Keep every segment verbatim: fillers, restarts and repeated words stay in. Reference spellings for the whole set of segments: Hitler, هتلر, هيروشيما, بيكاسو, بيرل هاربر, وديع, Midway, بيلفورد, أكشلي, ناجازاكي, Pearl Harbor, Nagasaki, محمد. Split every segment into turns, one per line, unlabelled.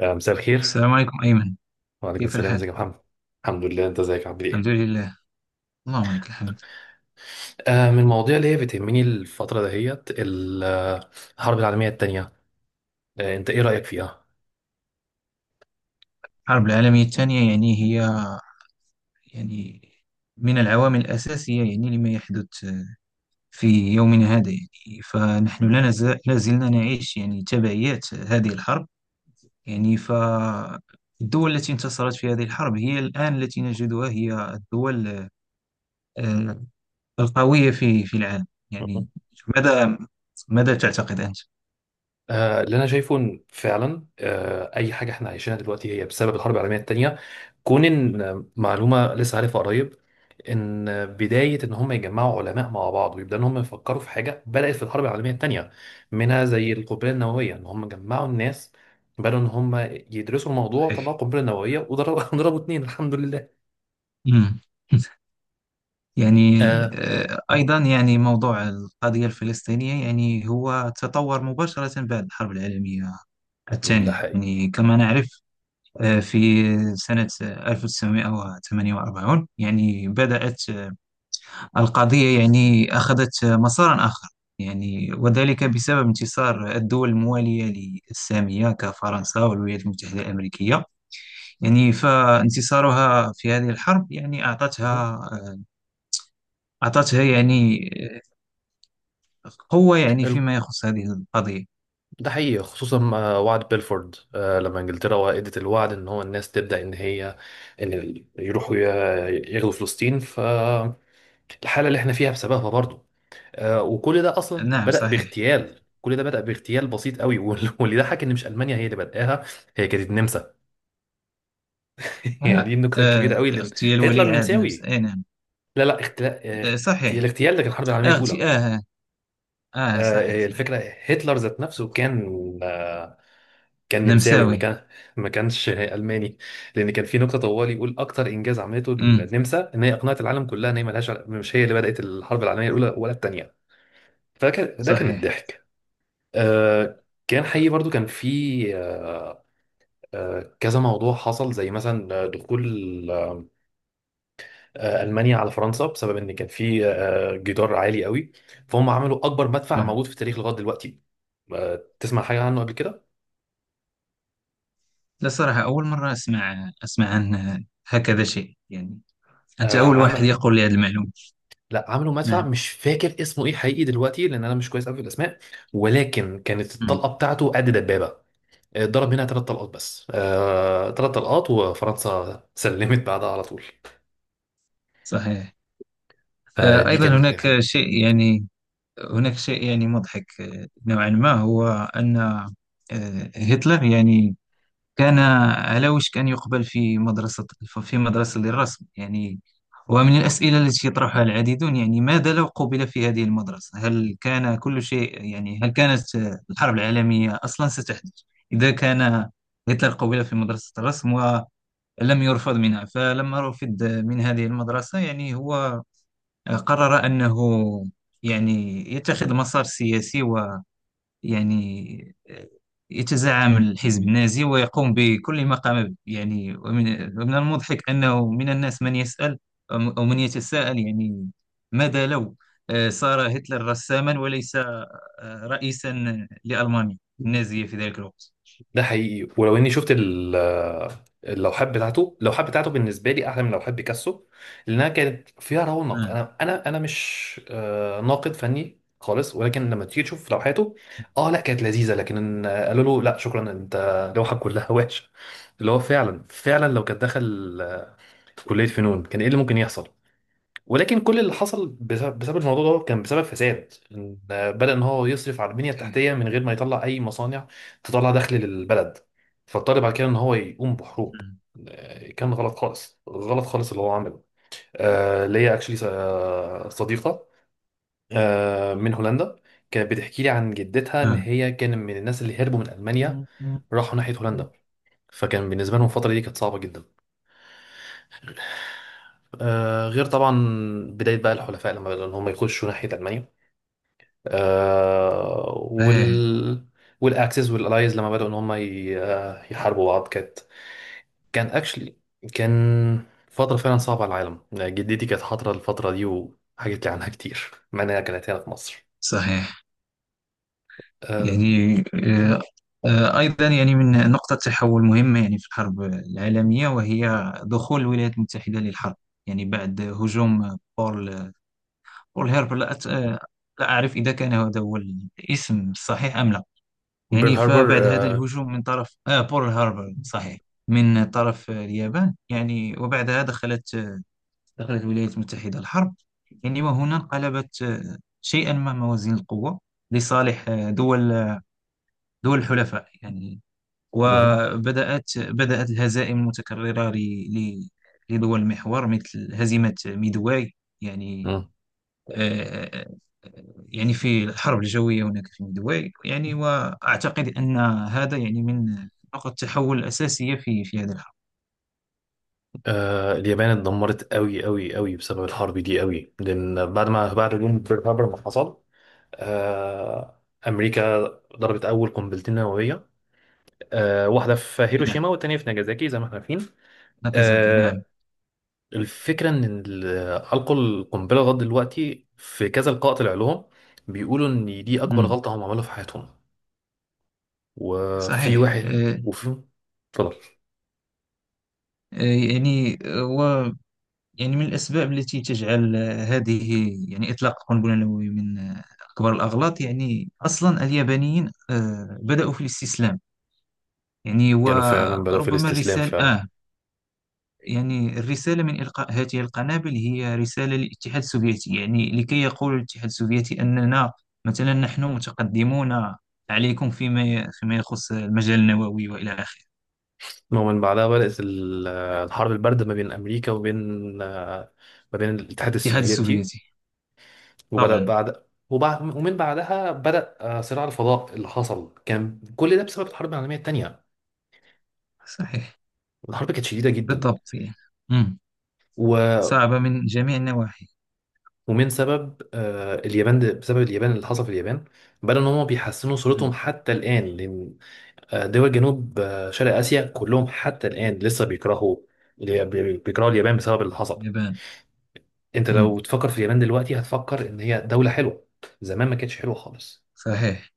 آه، مساء الخير.
السلام عليكم أيمن.
وعليكم
كيف
السلام،
الحال؟
ازيك يا محمد؟ الحمد لله، انت ازيك عامل
الحمد
ايه؟
لله. اللهم لك الحمد.
آه، من المواضيع اللي هي بتهمني الفترة دهيت ال- آه، الحرب العالمية التانية. آه، انت ايه رأيك فيها؟
الحرب العالمية الثانية يعني هي، يعني، من العوامل الأساسية يعني لما يحدث في يومنا هذا. يعني فنحن لا نزال لا زلنا نعيش يعني تبعيات هذه الحرب. يعني فالدول التي انتصرت في هذه الحرب هي الآن التي نجدها هي الدول آه، القوية في في العالم يعني. ماذا ماذا تعتقد أنت؟
آه، اللي انا شايفه إن فعلا آه، اي حاجه احنا عايشينها دلوقتي هي بسبب الحرب العالميه الثانيه. كون ان آه، معلومه لسه عارفها قريب، ان آه، بدايه ان هم يجمعوا علماء مع بعض ويبداوا ان هم يفكروا في حاجه بدات في الحرب العالميه الثانيه، منها زي القنبله النوويه، ان هم جمعوا الناس، بدأوا ان هم يدرسوا الموضوع وطلعوا
صحيح.
قنبله نوويه وضربوا ضربوا اتنين، الحمد لله.
مم. يعني
آه.
آه، أيضا يعني موضوع القضية الفلسطينية يعني هو تطور مباشرة بعد الحرب العالمية
ده
الثانية
حقيقي.
يعني كما نعرف. آه، في سنة ألف وتسعمئة وثمانية وأربعين يعني بدأت آه، القضية يعني أخذت آه، مسارا آخر، يعني وذلك بسبب انتصار الدول الموالية للسامية كفرنسا والولايات المتحدة الأمريكية. يعني فانتصارها في هذه الحرب يعني
مهم.
أعطتها آه، أعطتها يعني آه، قوة يعني فيما يخص هذه القضية.
ده حقيقي خصوصا مع وعد بيلفورد، آه، لما انجلترا وقعت الوعد ان هو الناس تبدا ان هي ان ال- يروحوا ي- يغزوا فلسطين، فالحاله اللي احنا فيها بسببها برضو. آه، وكل ده اصلا
نعم
بدا
صحيح.
باغتيال، كل ده بدا باغتيال بسيط قوي وال- واللي ضحك ان مش المانيا هي اللي بداها، هي كانت النمسا. يعني دي
آه.
النكته الكبيره
آه.
قوي، لان
اغتيال
هتلر
ولي عهد نمس
نمساوي.
آه نعم.
لا، لا، اغتلا-
آه
اغت-
صحيح.
الاغتيال ده كان الحرب العالميه
اغتي
الاولى.
آه. آه آه، صحيح
آه،
صحيح.
الفكره هتلر ذات نفسه كان، آه، كان نمساوي ما
نمساوي.
كان، ما كانش الماني. لان كان في نكته طوال يقول اكتر انجاز عملته
امم.
النمسا ان هي اقنعت العالم كلها ان هي ملهاش عل- مش هي اللي بدات الحرب العالميه الاولى ولا الثانيه. فكان ده كان
صحيح.
الضحك. آه كان حقيقي برضو، كان في آه آه كذا موضوع حصل، زي مثلا آه، دخول آه آه، المانيا على فرنسا، بسبب ان كان في آه آه، جدار عالي قوي. فهم عملوا اكبر مدفع
آه.
موجود في التاريخ لغايه دلوقتي. آه تسمع حاجه عنه قبل كده؟
لا صراحة أول مرة أسمع أسمع عن آه، هكذا شيء يعني. أنت
آه
أول واحد
عام.
يقول لي هذه المعلومة.
لا، عملوا مدفع
نعم.
مش فاكر اسمه ايه حقيقي دلوقتي، لان انا مش كويس قوي في الاسماء. ولكن كانت
مم.
الطلقه بتاعته قد دبابه. آه، ضرب منها ثلاث طلقات بس، آه، ثلاث طلقات وفرنسا سلمت بعدها على طول.
صحيح. آه،
فدي
أيضا
كانت من الحاجات
هناك
الحلوه.
شيء يعني هناك شيء يعني مضحك آه، نوعا ما. هو أن آه، هتلر يعني كان علاوش كان يقبل في مدرسة في مدرسة للرسم يعني. ومن الأسئلة التي يطرحها العديدون يعني: ماذا لو قبل في هذه المدرسة، هل كان كل شيء يعني، هل كانت الحرب العالمية أصلا ستحدث إذا كان هتلر قبل في مدرسة الرسم ولم يرفض منها؟ فلما رفض من هذه المدرسة يعني هو قرر أنه يعني يتخذ مسار سياسي، يعني يتزعم الحزب النازي ويقوم بكل ما قام به يعني. ومن ومن المضحك أنه من الناس من يسأل، أم- أو من يتساءل يعني: ماذا لو آه، صار هتلر رساما وليس آه، رئيسا لألمانيا النازية في ذلك الوقت؟
ده حقيقي، ولو اني شفت ال- اللوحات بتاعته اللوحات بتاعته بالنسبه لي احلى من لوحات بيكاسو، لانها كانت فيها رونق.
آه.
انا انا انا مش آه، ناقد فني خالص، ولكن لما تيجي تشوف لوحاته، اه لا كانت لذيذه، لكن آه، قالوا له لا شكرا، انت لوحك كلها وحشه. اللي هو فعلا فعلا لو كان دخل، آه، كليه فنون، كان ايه اللي ممكن يحصل؟ ولكن كل اللي حصل بسبب بسبب الموضوع ده كان بسبب فساد، إن بدأ ان هو يصرف على البنية التحتية من غير ما يطلع اي مصانع تطلع دخل للبلد، فاضطر بعد كده ان هو يقوم بحروب. آه، كان غلط خالص، غلط خالص اللي هو عمله. آه، ليا اكشلي صديقة آه، من هولندا، كانت بتحكي لي عن جدتها ان
آه.
هي كان من الناس اللي هربوا من ألمانيا،
آه.
راحوا ناحية هولندا. فكان بالنسبة لهم الفترة دي كانت صعبة جدا. آه، غير طبعا بداية بقى الحلفاء لما بدأوا إن هم يخشوا ناحية ألمانيا. آه،
آه.
وال والأكسس والألايز لما بدأوا إن هم ي- آه، يحاربوا بعض. كانت كان أكشلي كان فترة فعلا صعبة على العالم، يعني جدتي كانت حاضرة الفترة دي وحكت لي عنها كتير، مع إنها كانت هنا في مصر.
صحيح.
آه،
يعني آه، آه، أيضا يعني من نقطة تحول مهمة يعني في الحرب العالمية، وهي دخول الولايات المتحدة للحرب، يعني بعد هجوم بول بول هيربر، لا, أت... آه، لا أعرف إذا كان هذا هو الاسم الصحيح أم لا.
بيرل
يعني
هاربر.
فبعد هذا
آه،
الهجوم من طرف آه بول هاربر، صحيح، من طرف آه، اليابان، يعني وبعدها دخلت آه، دخلت الولايات المتحدة الحرب. يعني وهنا انقلبت آه، شيئا ما موازين القوة لصالح آه، دول دول الحلفاء يعني.
مهم.
وبدأت بدأت الهزائم المتكررة ل- ل- لدول المحور، مثل هزيمة ميدواي يعني.
مهم.
آه، آه، يعني في الحرب الجوية هناك في ميدواي يعني، وأعتقد أن هذا يعني من نقط التحول الأساسية في في هذه الحرب.
آه، اليابان اتدمرت قوي قوي قوي بسبب الحرب دي قوي، لأن بعد ما بعد هجوم بيرل هاربر ما حصل، آه، أمريكا ضربت أول قنبلتين نووية، آه، واحدة في هيروشيما
نعم،
والتانية في ناجازاكي، زي ما احنا عارفين.
ناكازاكي نعم.
آه، الفكرة إن ال- ألقوا القنبلة. لغاية دلوقتي في كذا لقاء طلع لهم بيقولوا إن دي أكبر
مم.
غلطة هم عملوها في حياتهم. وفي
صحيح.
واحد
آه،
وفي اتفضل.
آه، يعني. يعني من الأسباب التي تجعل آه، هذه، يعني إطلاق القنبلة النووية من آه، أكبر الأغلاط، يعني أصلا اليابانيين آه، بدأوا في الاستسلام، يعني
كانوا فعلا بدأوا في
وربما
الاستسلام
الرسالة
فعلا.
آه، يعني الرسالة من إلقاء هذه القنابل هي رسالة للاتحاد السوفيتي، يعني لكي يقول الاتحاد السوفيتي أننا مثلا نحن متقدمون عليكم فيما فيما يخص المجال النووي وإلى آخره.
المهم، من بعدها بدأت ال- الحرب الباردة ما بين أمريكا وبين، آه، ما بين الاتحاد
الاتحاد
السوفيتي.
السوفيتي.
وبدأ
طبعا.
بعد وبعد ومن بعدها بدأ آه، صراع الفضاء اللي حصل، كان كل ده بسبب الحرب العالمية التانية.
صحيح.
الحرب كانت شديدة جدا.
بالضبط يعني. مم.
و...
صعبة من جميع النواحي.
ومن سبب آه، اليابان، ده بسبب اليابان اللي حصل في اليابان، بدأوا إن هم بيحسنوا صورتهم
مم.
حتى الآن، لأن آه، دول جنوب آه، شرق آسيا كلهم حتى الآن لسه بيكرهوا، بي- بي- بيكرهوا اليابان بسبب اللي حصل.
اليابان.
أنت
مم.
لو تفكر في اليابان دلوقتي هتفكر إن هي دولة حلوة، زمان ما كانتش حلوة خالص.
صحيح.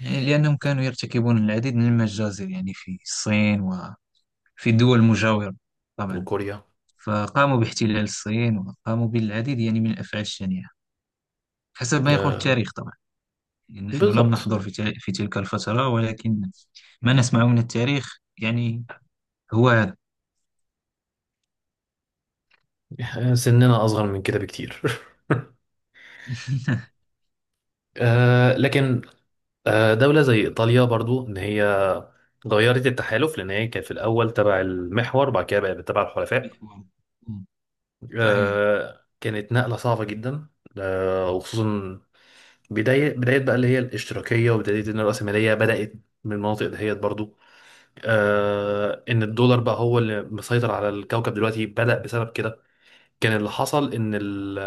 يعني لأنهم كانوا يرتكبون العديد من المجازر يعني في الصين وفي الدول المجاورة. طبعا.
وكوريا.
فقاموا باحتلال الصين وقاموا بالعديد يعني من الأفعال الشنيعة، حسب ما يقول التاريخ طبعا، يعني نحن لم
بالظبط.
نحضر في تل- في تلك الفترة، ولكن ما نسمعه من التاريخ يعني هو هذا.
آه، سننا أصغر من كده بكتير آه لكن آه دولة زي إيطاليا برضو، إن هي غيرت التحالف، لأن هي كانت في الأول تبع المحور بعد كده بقت تبع الحلفاء.
محور. مم. صحيح
آه كانت نقلة صعبة جدا. آه وخصوصا بداية بداية بقى اللي هي الاشتراكية، وبداية إن الرأسمالية بدأت من المناطق دهيت برضو. آه إن الدولار بقى هو اللي مسيطر على الكوكب دلوقتي بدأ بسبب كده. كان اللي حصل إن ال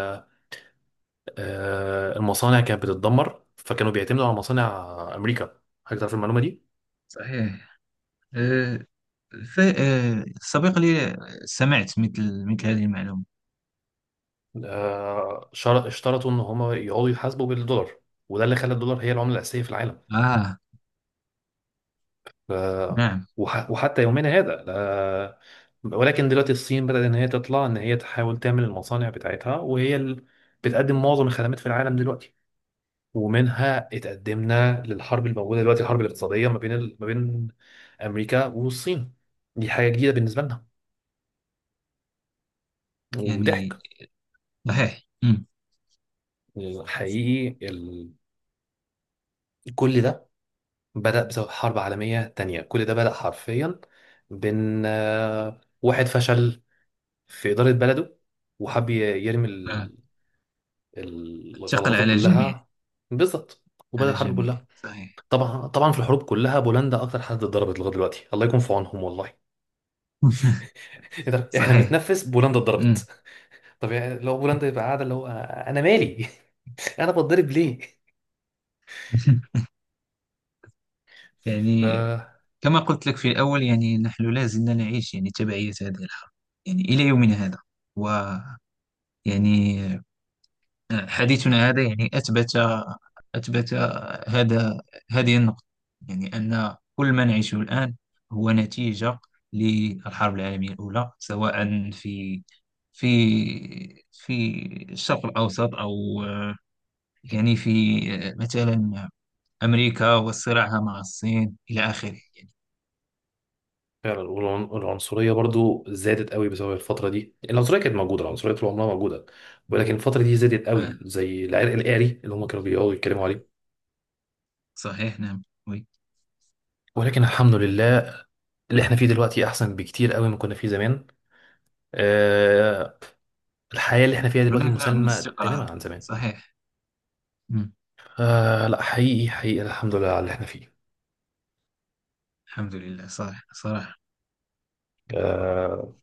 آه، المصانع كانت بتتدمر، فكانوا بيعتمدوا على مصانع امريكا. حضرتك تعرف المعلومه دي؟
صحيح. أه ف- أه سبق لي، سمعت مثل مثل هذه المعلومة.
آه، شر- اشترطوا ان هم يقعدوا يحاسبوا بالدولار، وده اللي خلى الدولار هي العمله الاساسيه في العالم.
آه
آه،
نعم.
وح- وحتى يومنا هذا. آه، ولكن دلوقتي الصين بدأت ان هي تطلع، ان هي تحاول تعمل المصانع بتاعتها، وهي اللي بتقدم معظم الخدمات في العالم دلوقتي. ومنها اتقدمنا للحرب الموجوده دلوقتي، الحرب الاقتصاديه ما بين ال- ما بين امريكا والصين. دي حاجه جديده بالنسبه لنا،
يعني
وضحك.
صحيح. أمم.
حقيقي ال... كل ده بدأ بسبب حرب عالمية تانية، كل ده بدأ حرفيا بين آه، واحد فشل في إدارة بلده، وحب ي- يرمي
آه.
ال...
ثقل
الغلطاته
على الجميع.
كلها. بالظبط، وبدأ
على
الحرب
الجميع
كلها.
صحيح.
طبعا طبعا، في الحروب كلها بولندا أكتر حد اتضربت لغاية دلوقتي، الله يكون في عونهم والله. إيه ده؟ إحنا
صحيح.
بنتنفس بولندا
أمم.
اتضربت؟ طب يعني لو بولندا يبقى قاعدة اللي هو، آه، أنا مالي. أنا بتضرب ليه؟
يعني كما قلت لك في الأول، يعني نحن لا زلنا نعيش يعني تبعية هذه الحرب يعني إلى يومنا هذا. ويعني حديثنا هذا يعني أثبت أثبت هذا، هذه النقطة. يعني أن كل ما نعيشه الآن هو نتيجة للحرب العالمية الأولى، سواء في في في الشرق الأوسط، أو يعني في مثلا أمريكا وصراعها مع الصين إلى آخره يعني.
فعلا. والعن- والعنصرية برضو زادت قوي بسبب الفترة دي. العنصرية كانت موجودة، العنصرية طول عمرها موجودة. ولكن الفترة دي زادت
آه،
قوي، زي العرق القاري اللي هم كانوا بيقعدوا يتكلموا عليه.
صحيح نعم وي.
ولكن الحمد لله، اللي احنا فيه دلوقتي أحسن بكتير قوي ما كنا فيه زمان. أه. الحياة اللي احنا فيها دلوقتي
هناك نوع من
مسالمة
الاستقرار.
تماما عن زمان.
صحيح. مم.
أه، لا حقيقي حقيقي، الحمد لله على اللي احنا فيه.
الحمد لله صحيح صراحة
أه.